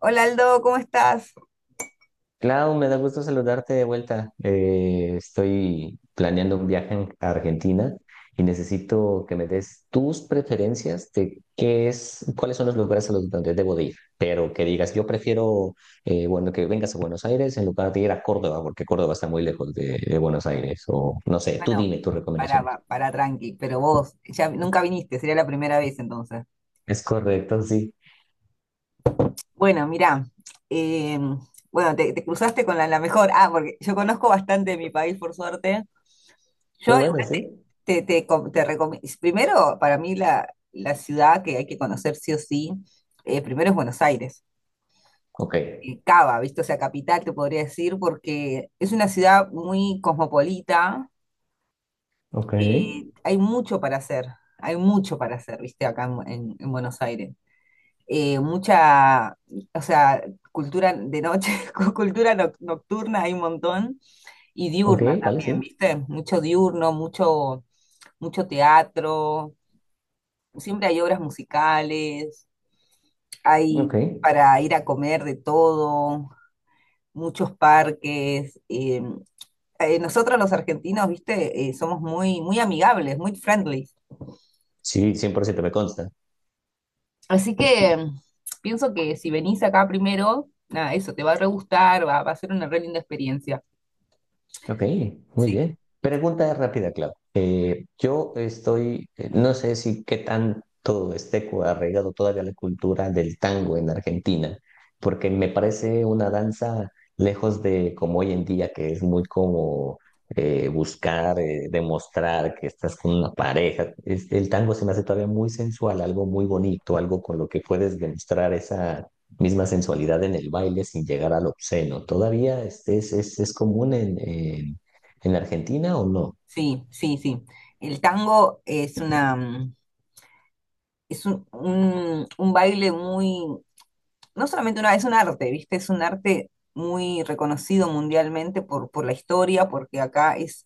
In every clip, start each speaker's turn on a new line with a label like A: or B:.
A: Hola Aldo, ¿cómo estás?
B: Clau, me da gusto saludarte de vuelta. Estoy planeando un viaje a Argentina y necesito que me des tus preferencias de cuáles son los lugares a los donde debo de ir. Pero que digas, yo prefiero, bueno, que vengas a Buenos Aires en lugar de ir a Córdoba, porque Córdoba está muy lejos de Buenos Aires. O no sé, tú
A: Bueno,
B: dime tus
A: para,
B: recomendaciones.
A: pa- para tranqui, pero vos ya nunca viniste, sería la primera vez entonces.
B: Es correcto, sí.
A: Bueno, mirá, eh, bueno, te cruzaste con la mejor. Ah, porque yo conozco bastante de mi país, por suerte. Yo
B: Qué bueno,
A: igual
B: sí.
A: te, te, com- te recomi- primero, para mí la ciudad que hay que conocer sí o sí, primero es Buenos Aires.
B: Ok,
A: Cava, ¿viste? O sea, capital, te podría decir, porque es una ciudad muy cosmopolita,
B: ok,
A: eh, hay mucho para hacer, hay mucho para hacer, viste, acá en Buenos Aires. Eh, mucha, o sea, cultura de noche, cultura nocturna hay un montón, y
B: ok,
A: diurna
B: vale,
A: también,
B: sí.
A: viste, mucho diurno, mucho teatro, siempre hay obras musicales,
B: Ok.
A: hay para ir a comer de todo, muchos parques. Nosotros los argentinos, viste, somos muy, muy amigables, muy friendly.
B: Sí, 100% me consta.
A: Así que pienso que si venís acá primero, nada, eso te va a re gustar, va a ser una re linda experiencia.
B: Ok, muy
A: Sí,
B: bien. Pregunta rápida, Clau. Yo estoy, no sé si qué tanto esté arraigado todavía la cultura del tango en Argentina, porque me parece una danza lejos de como hoy en día, que es muy como buscar, demostrar que estás con una pareja. El tango se me hace todavía muy sensual, algo muy bonito, algo con lo que puedes demostrar misma sensualidad en el baile sin llegar al obsceno. ¿Todavía es común en Argentina o no?
A: sí, sí, sí. El tango es un baile muy, no solamente una, es un arte, ¿viste? Es un arte muy reconocido mundialmente por la historia, porque acá es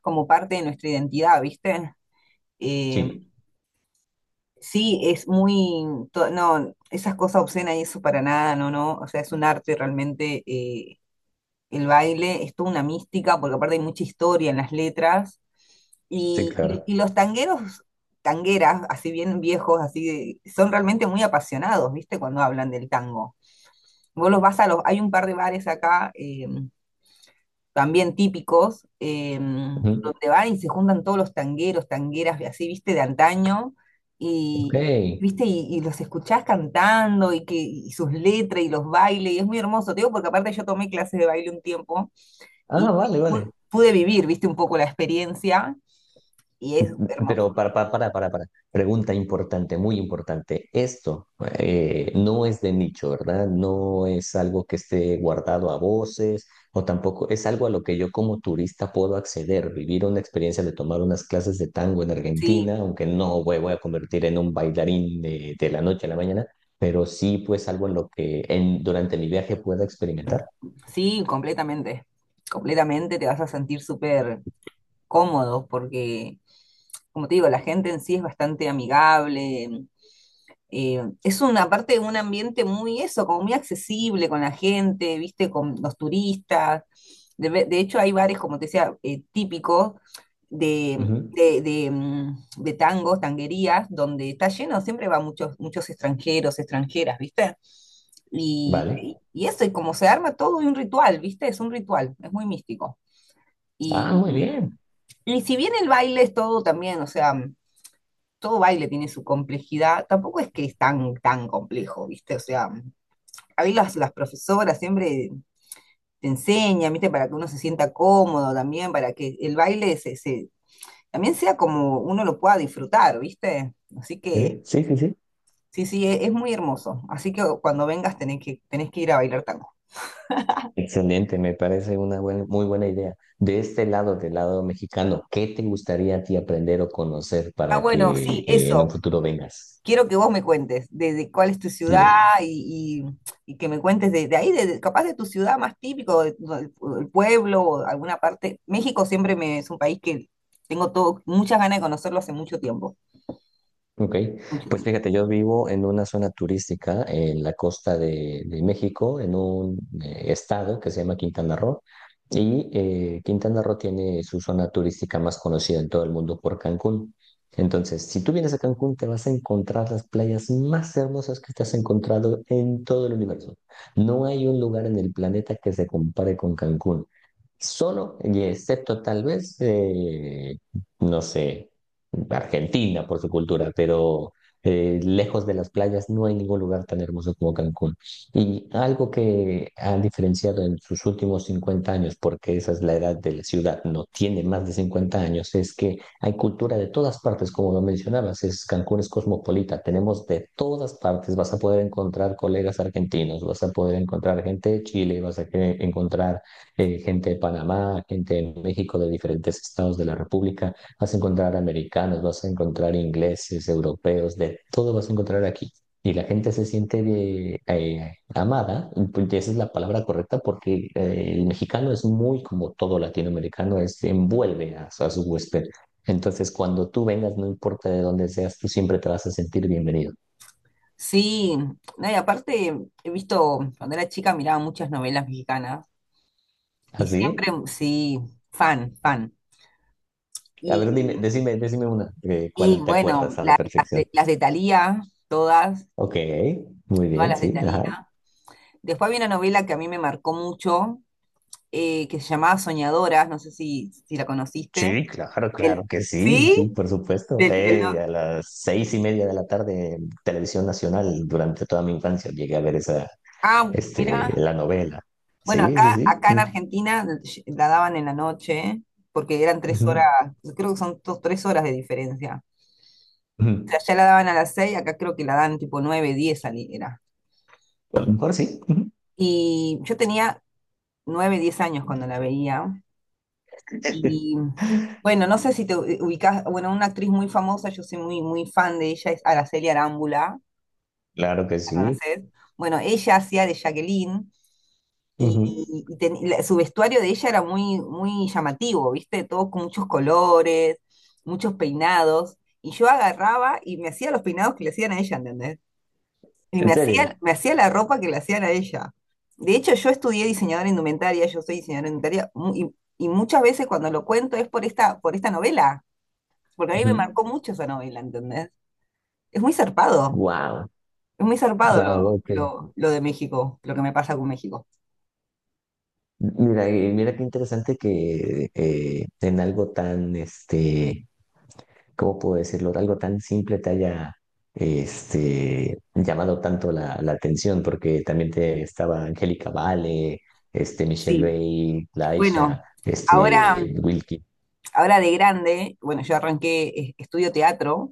A: como parte de nuestra identidad, ¿viste? Eh,
B: Sí,
A: sí, es muy, no, esas cosas obscenas y eso para nada, no, no, o sea, es un arte realmente. El baile es toda una mística, porque aparte hay mucha historia en las letras.
B: sí,
A: Y, y-
B: claro.
A: y los tangueros, tangueras, así bien viejos, así, son realmente muy apasionados, ¿viste? Cuando hablan del tango. Vos los vas a los, hay un par de bares acá, también típicos,
B: Ujú.
A: donde van y se juntan todos los tangueros, tangueras, así, ¿viste? De antaño,
B: Ok.
A: y, ¿viste? Y los escuchás cantando, y que, y sus letras, y los bailes, y es muy hermoso, te digo, porque aparte yo tomé clases de baile un tiempo,
B: Ah,
A: y
B: vale, vale.
A: pude vivir, viste, un poco la experiencia y es hermoso.
B: Pero para, para. Pregunta importante, muy importante. Esto no es de nicho, ¿verdad? No es algo que esté guardado a voces o tampoco es algo a lo que yo como turista puedo acceder, vivir una experiencia de tomar unas clases de tango en
A: Sí,
B: Argentina, aunque no voy, voy a convertir en un bailarín de la noche a la mañana, pero sí pues algo en lo que en, durante mi viaje pueda experimentar.
A: sí, completamente te vas a sentir súper cómodo porque, como te digo, la gente en sí es bastante amigable, es una parte de un ambiente muy eso, como muy accesible con la gente, viste, con los turistas. De hecho, hay bares, como te decía, típicos de,
B: Ujú.
A: de, de, mm, de tangos, tanguerías, donde está lleno, siempre van muchos, muchos extranjeros, extranjeras, ¿viste? Y, y
B: Vale.
A: y eso, y como se arma todo de un ritual, ¿viste? Es un ritual, es muy místico.
B: Ah,
A: Y,
B: muy
A: mm,
B: bien.
A: y si bien el baile es todo también, o sea, todo baile tiene su complejidad, tampoco es que es tan, tan complejo, ¿viste? O sea, a mí las profesoras siempre te enseñan, ¿viste? Para que uno se sienta cómodo también, para que el baile también sea como uno lo pueda disfrutar, ¿viste? Así que,
B: ¿Eh? Sí, sí, sí.
A: sí, sí, es muy hermoso. Así que cuando vengas tenés que ir a bailar tango.
B: Excelente, me parece una buena, muy buena idea. De este lado, del lado mexicano, ¿qué te gustaría a ti aprender o conocer
A: Ah,
B: para
A: bueno,
B: que
A: sí,
B: en
A: eso.
B: un futuro vengas?
A: Quiero que vos me cuentes de cuál es tu ciudad
B: Dime.
A: y, y que me cuentes de ahí, capaz de tu ciudad más típico, del del pueblo o de alguna parte. México siempre me, es un país que tengo todo, muchas ganas de conocerlo hace mucho tiempo,
B: Ok,
A: mucho
B: pues
A: tiempo.
B: fíjate, yo vivo en una zona turística en la costa de México, en un estado que se llama Quintana Roo, y Quintana Roo tiene su zona turística más conocida en todo el mundo por Cancún. Entonces, si tú vienes a Cancún, te vas a encontrar las playas más hermosas que te has encontrado en todo el universo. No hay un lugar en el planeta que se compare con Cancún. Solo, y excepto tal vez, no sé. Argentina por su cultura, pero lejos de las playas no hay ningún lugar tan hermoso como Cancún. Y algo que ha diferenciado en sus últimos 50 años, porque esa es la edad de la ciudad, no tiene más de 50 años, es que hay cultura de todas partes, como lo mencionabas, es, Cancún es cosmopolita, tenemos de todas partes, vas a poder encontrar colegas argentinos, vas a poder encontrar gente de Chile, vas a encontrar gente de Panamá, gente de México, de diferentes estados de la República. Vas a encontrar americanos, vas a encontrar ingleses, europeos, de todo vas a encontrar aquí. Y la gente se siente amada, pues, esa es la palabra correcta, porque el mexicano es muy como todo latinoamericano, es, envuelve a su huésped. Entonces, cuando tú vengas, no importa de dónde seas, tú siempre te vas a sentir bienvenido.
A: Sí, no, y aparte he visto, cuando era chica miraba muchas novelas mexicanas y
B: ¿Así?
A: siempre, sí, fan, fan.
B: A ver, dime,
A: Y,
B: decime, decime una,
A: y
B: ¿cuál te
A: bueno,
B: acuerdas a la perfección?
A: las de Thalía, todas,
B: Ok, muy
A: todas
B: bien,
A: las de
B: sí, ajá.
A: Thalía. Después había una novela que a mí me marcó mucho, que se llamaba Soñadoras, no sé si la conociste.
B: Sí, claro,
A: Del,
B: claro que sí, sí,
A: ¿Sí?
B: por supuesto.
A: Del, del no-
B: A las 6:30 de la tarde en Televisión Nacional, durante toda mi infancia, llegué a ver esa,
A: Ah, mira.
B: la novela.
A: Bueno,
B: Sí,
A: acá,
B: sí, sí.
A: acá en Argentina la daban en la noche, porque eran 3 horas,
B: Ujú,
A: creo que son 2, 3 horas de diferencia. O
B: ujú.
A: sea, allá la daban a las 6, acá creo que la dan tipo 9, 10 era.
B: A lo mejor sí. Ujú.
A: Y yo tenía 9, 10 años cuando la veía. Y bueno, no sé si te ubicas, bueno, una actriz muy famosa, yo soy muy, muy fan de ella, es Araceli Arámbula.
B: Claro que
A: ¿La
B: sí.
A: conocés? Bueno, ella hacía de Jacqueline
B: Ujú.
A: y, su vestuario de ella era muy, muy llamativo, ¿viste? Todo con muchos colores, muchos peinados. Y yo agarraba y me hacía los peinados que le hacían a ella, ¿entendés? Y
B: ¿En serio?
A: me hacía la ropa que le hacían a ella. De hecho, yo estudié diseñadora indumentaria, yo soy diseñadora indumentaria, y muchas veces cuando lo cuento es por esta novela, porque a mí me marcó mucho esa novela, ¿entendés? Es muy zarpado.
B: Wow,
A: Es muy zarpado lo,
B: wow, ok.
A: lo de México, lo que me pasa con México.
B: Mira, y mira qué interesante que en algo tan, este, ¿cómo puedo decirlo? Algo tan simple te haya llamado tanto la atención, porque también te estaba Angélica Vale, Michelle
A: Sí,
B: Bay, Laisha,
A: bueno, ahora,
B: Wilkie.
A: ahora de grande, bueno, yo arranqué, estudio teatro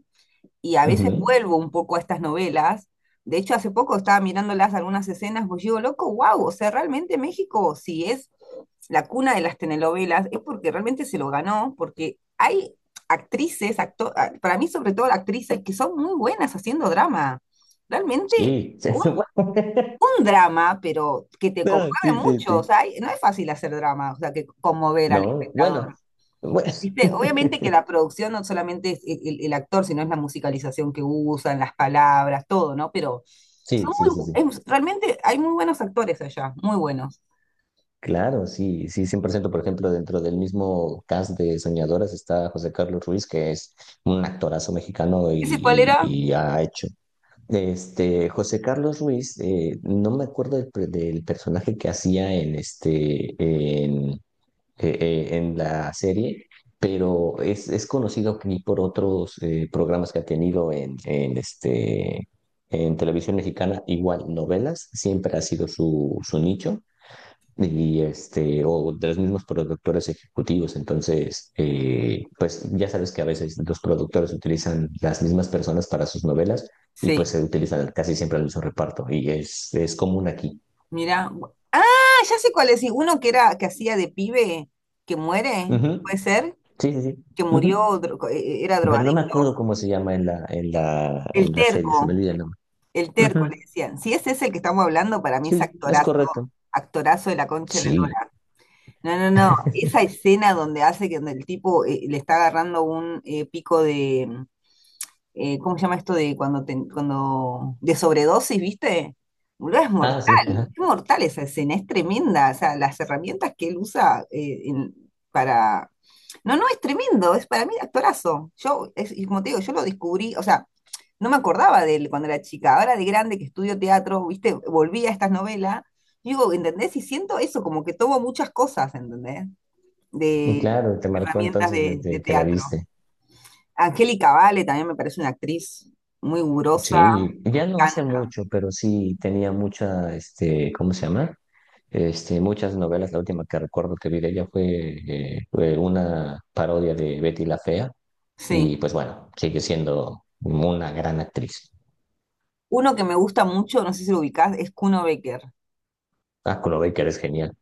A: y a veces
B: Ujú.
A: vuelvo un poco a estas novelas. De hecho, hace poco estaba mirándolas algunas escenas, pues digo, loco, wow, o sea, realmente México, si es la cuna de las telenovelas, es porque realmente se lo ganó, porque hay actrices, para mí sobre todo actrices, que son muy buenas haciendo drama. Realmente,
B: Sí,
A: un
B: sí,
A: un drama, pero que te
B: no,
A: conmueve
B: sí, sí,
A: mucho. O
B: sí.
A: sea, no es fácil hacer drama, o sea, que conmover al
B: No, bueno,
A: espectador.
B: bueno.
A: ¿Viste? Obviamente que la producción no solamente es el actor, sino es la musicalización que usan, las palabras, todo, ¿no? Pero
B: Sí,
A: son
B: sí,
A: muy,
B: sí, sí.
A: realmente hay muy buenos actores allá, muy buenos.
B: Claro, sí, sí, 100%. Por ciento. Por ejemplo, dentro del mismo cast de Soñadoras está José Carlos Ruiz, que es un actorazo mexicano
A: ¿Ese cuál
B: y,
A: era?
B: y- y ha hecho José Carlos Ruiz, no me acuerdo del personaje que hacía en en la serie, pero es conocido aquí por otros programas que ha tenido en televisión mexicana, igual novelas, siempre ha sido su nicho y este, o de los mismos productores ejecutivos. Entonces, pues ya sabes que a veces los productores utilizan las mismas personas para sus novelas y pues
A: Sí,
B: se utilizan casi siempre el mismo reparto y es común aquí.
A: mira. Ah, ya sé cuál es. Sí, uno que era, que hacía de pibe, que muere, puede
B: Ujú.
A: ser,
B: Sí, sí, sí.
A: que murió,
B: Ujú.
A: era
B: Pero no me acuerdo
A: drogadicto.
B: cómo se llama en
A: El
B: la serie, se me
A: terco.
B: olvida el nombre.
A: El terco, le
B: Ujú.
A: decían. Si ese es el que estamos hablando, para mí es
B: Sí, es
A: actorazo,
B: correcto.
A: actorazo de la concha de la
B: Sí.
A: lora. No, no, no. Esa escena donde hace que donde el tipo le está agarrando un pico de, ¿cómo se llama esto? De cuando, cuando, de sobredosis, ¿viste? Boludo, es
B: Ah,
A: mortal.
B: sí, ajá.
A: Es mortal esa escena, es tremenda. O sea, las herramientas que él usa para... No, no, es tremendo. Es para mí actorazo. Yo, es, y como te digo, yo lo descubrí, o sea no me acordaba de él cuando era chica. Ahora de grande que estudio teatro, viste, volví a estas novelas. Digo, ¿entendés? Y siento eso, como que tomo muchas cosas, ¿entendés? De
B: Claro, te marcó
A: herramientas
B: entonces
A: de
B: desde que la
A: teatro.
B: viste.
A: Angélica Vale también me parece una actriz muy gurosa,
B: Sí,
A: me
B: ya no hace
A: encanta.
B: mucho, pero sí tenía mucha, ¿cómo se llama? Muchas novelas. La última que recuerdo que vi de ella fue, fue una parodia de Betty la Fea.
A: Sí.
B: Y pues bueno, sigue siendo una gran actriz.
A: Uno que me gusta mucho, no sé si lo ubicás, es Kuno Becker.
B: Ah, Baker es genial.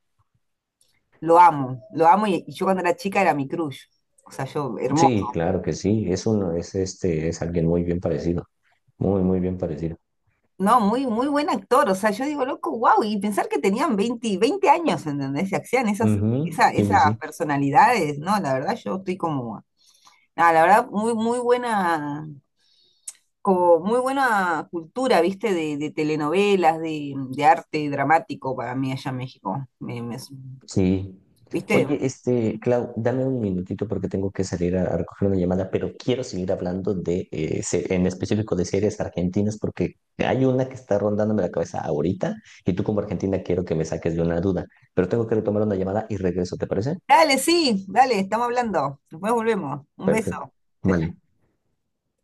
A: Lo amo y, yo cuando era chica era mi crush. O sea, yo, hermoso.
B: Sí, claro que sí. Es uno, es alguien muy bien parecido. Muy, muy bien parecido.
A: No, muy, muy buen actor. O sea, yo digo, loco, wow. Y pensar que tenían veinte años, ¿entendés? Se hacían esas,
B: Ujú,
A: esa,
B: sí,
A: esas
B: sí, sí.
A: personalidades, ¿no? La verdad, yo estoy como. Nada, la verdad, muy, muy buena, como muy buena cultura, ¿viste? De telenovelas, de arte dramático para mí allá en México.
B: Sí.
A: ¿Viste?
B: Oye, Clau, dame un minutito porque tengo que salir a recoger una llamada, pero quiero seguir hablando de, en específico de series argentinas porque hay una que está rondándome la cabeza ahorita y tú como argentina quiero que me saques de una duda, pero tengo que retomar una llamada y regreso, ¿te parece?
A: Dale, sí, dale, estamos hablando. Después volvemos. Un beso.
B: Perfecto.
A: Chao,
B: Vale.
A: chao.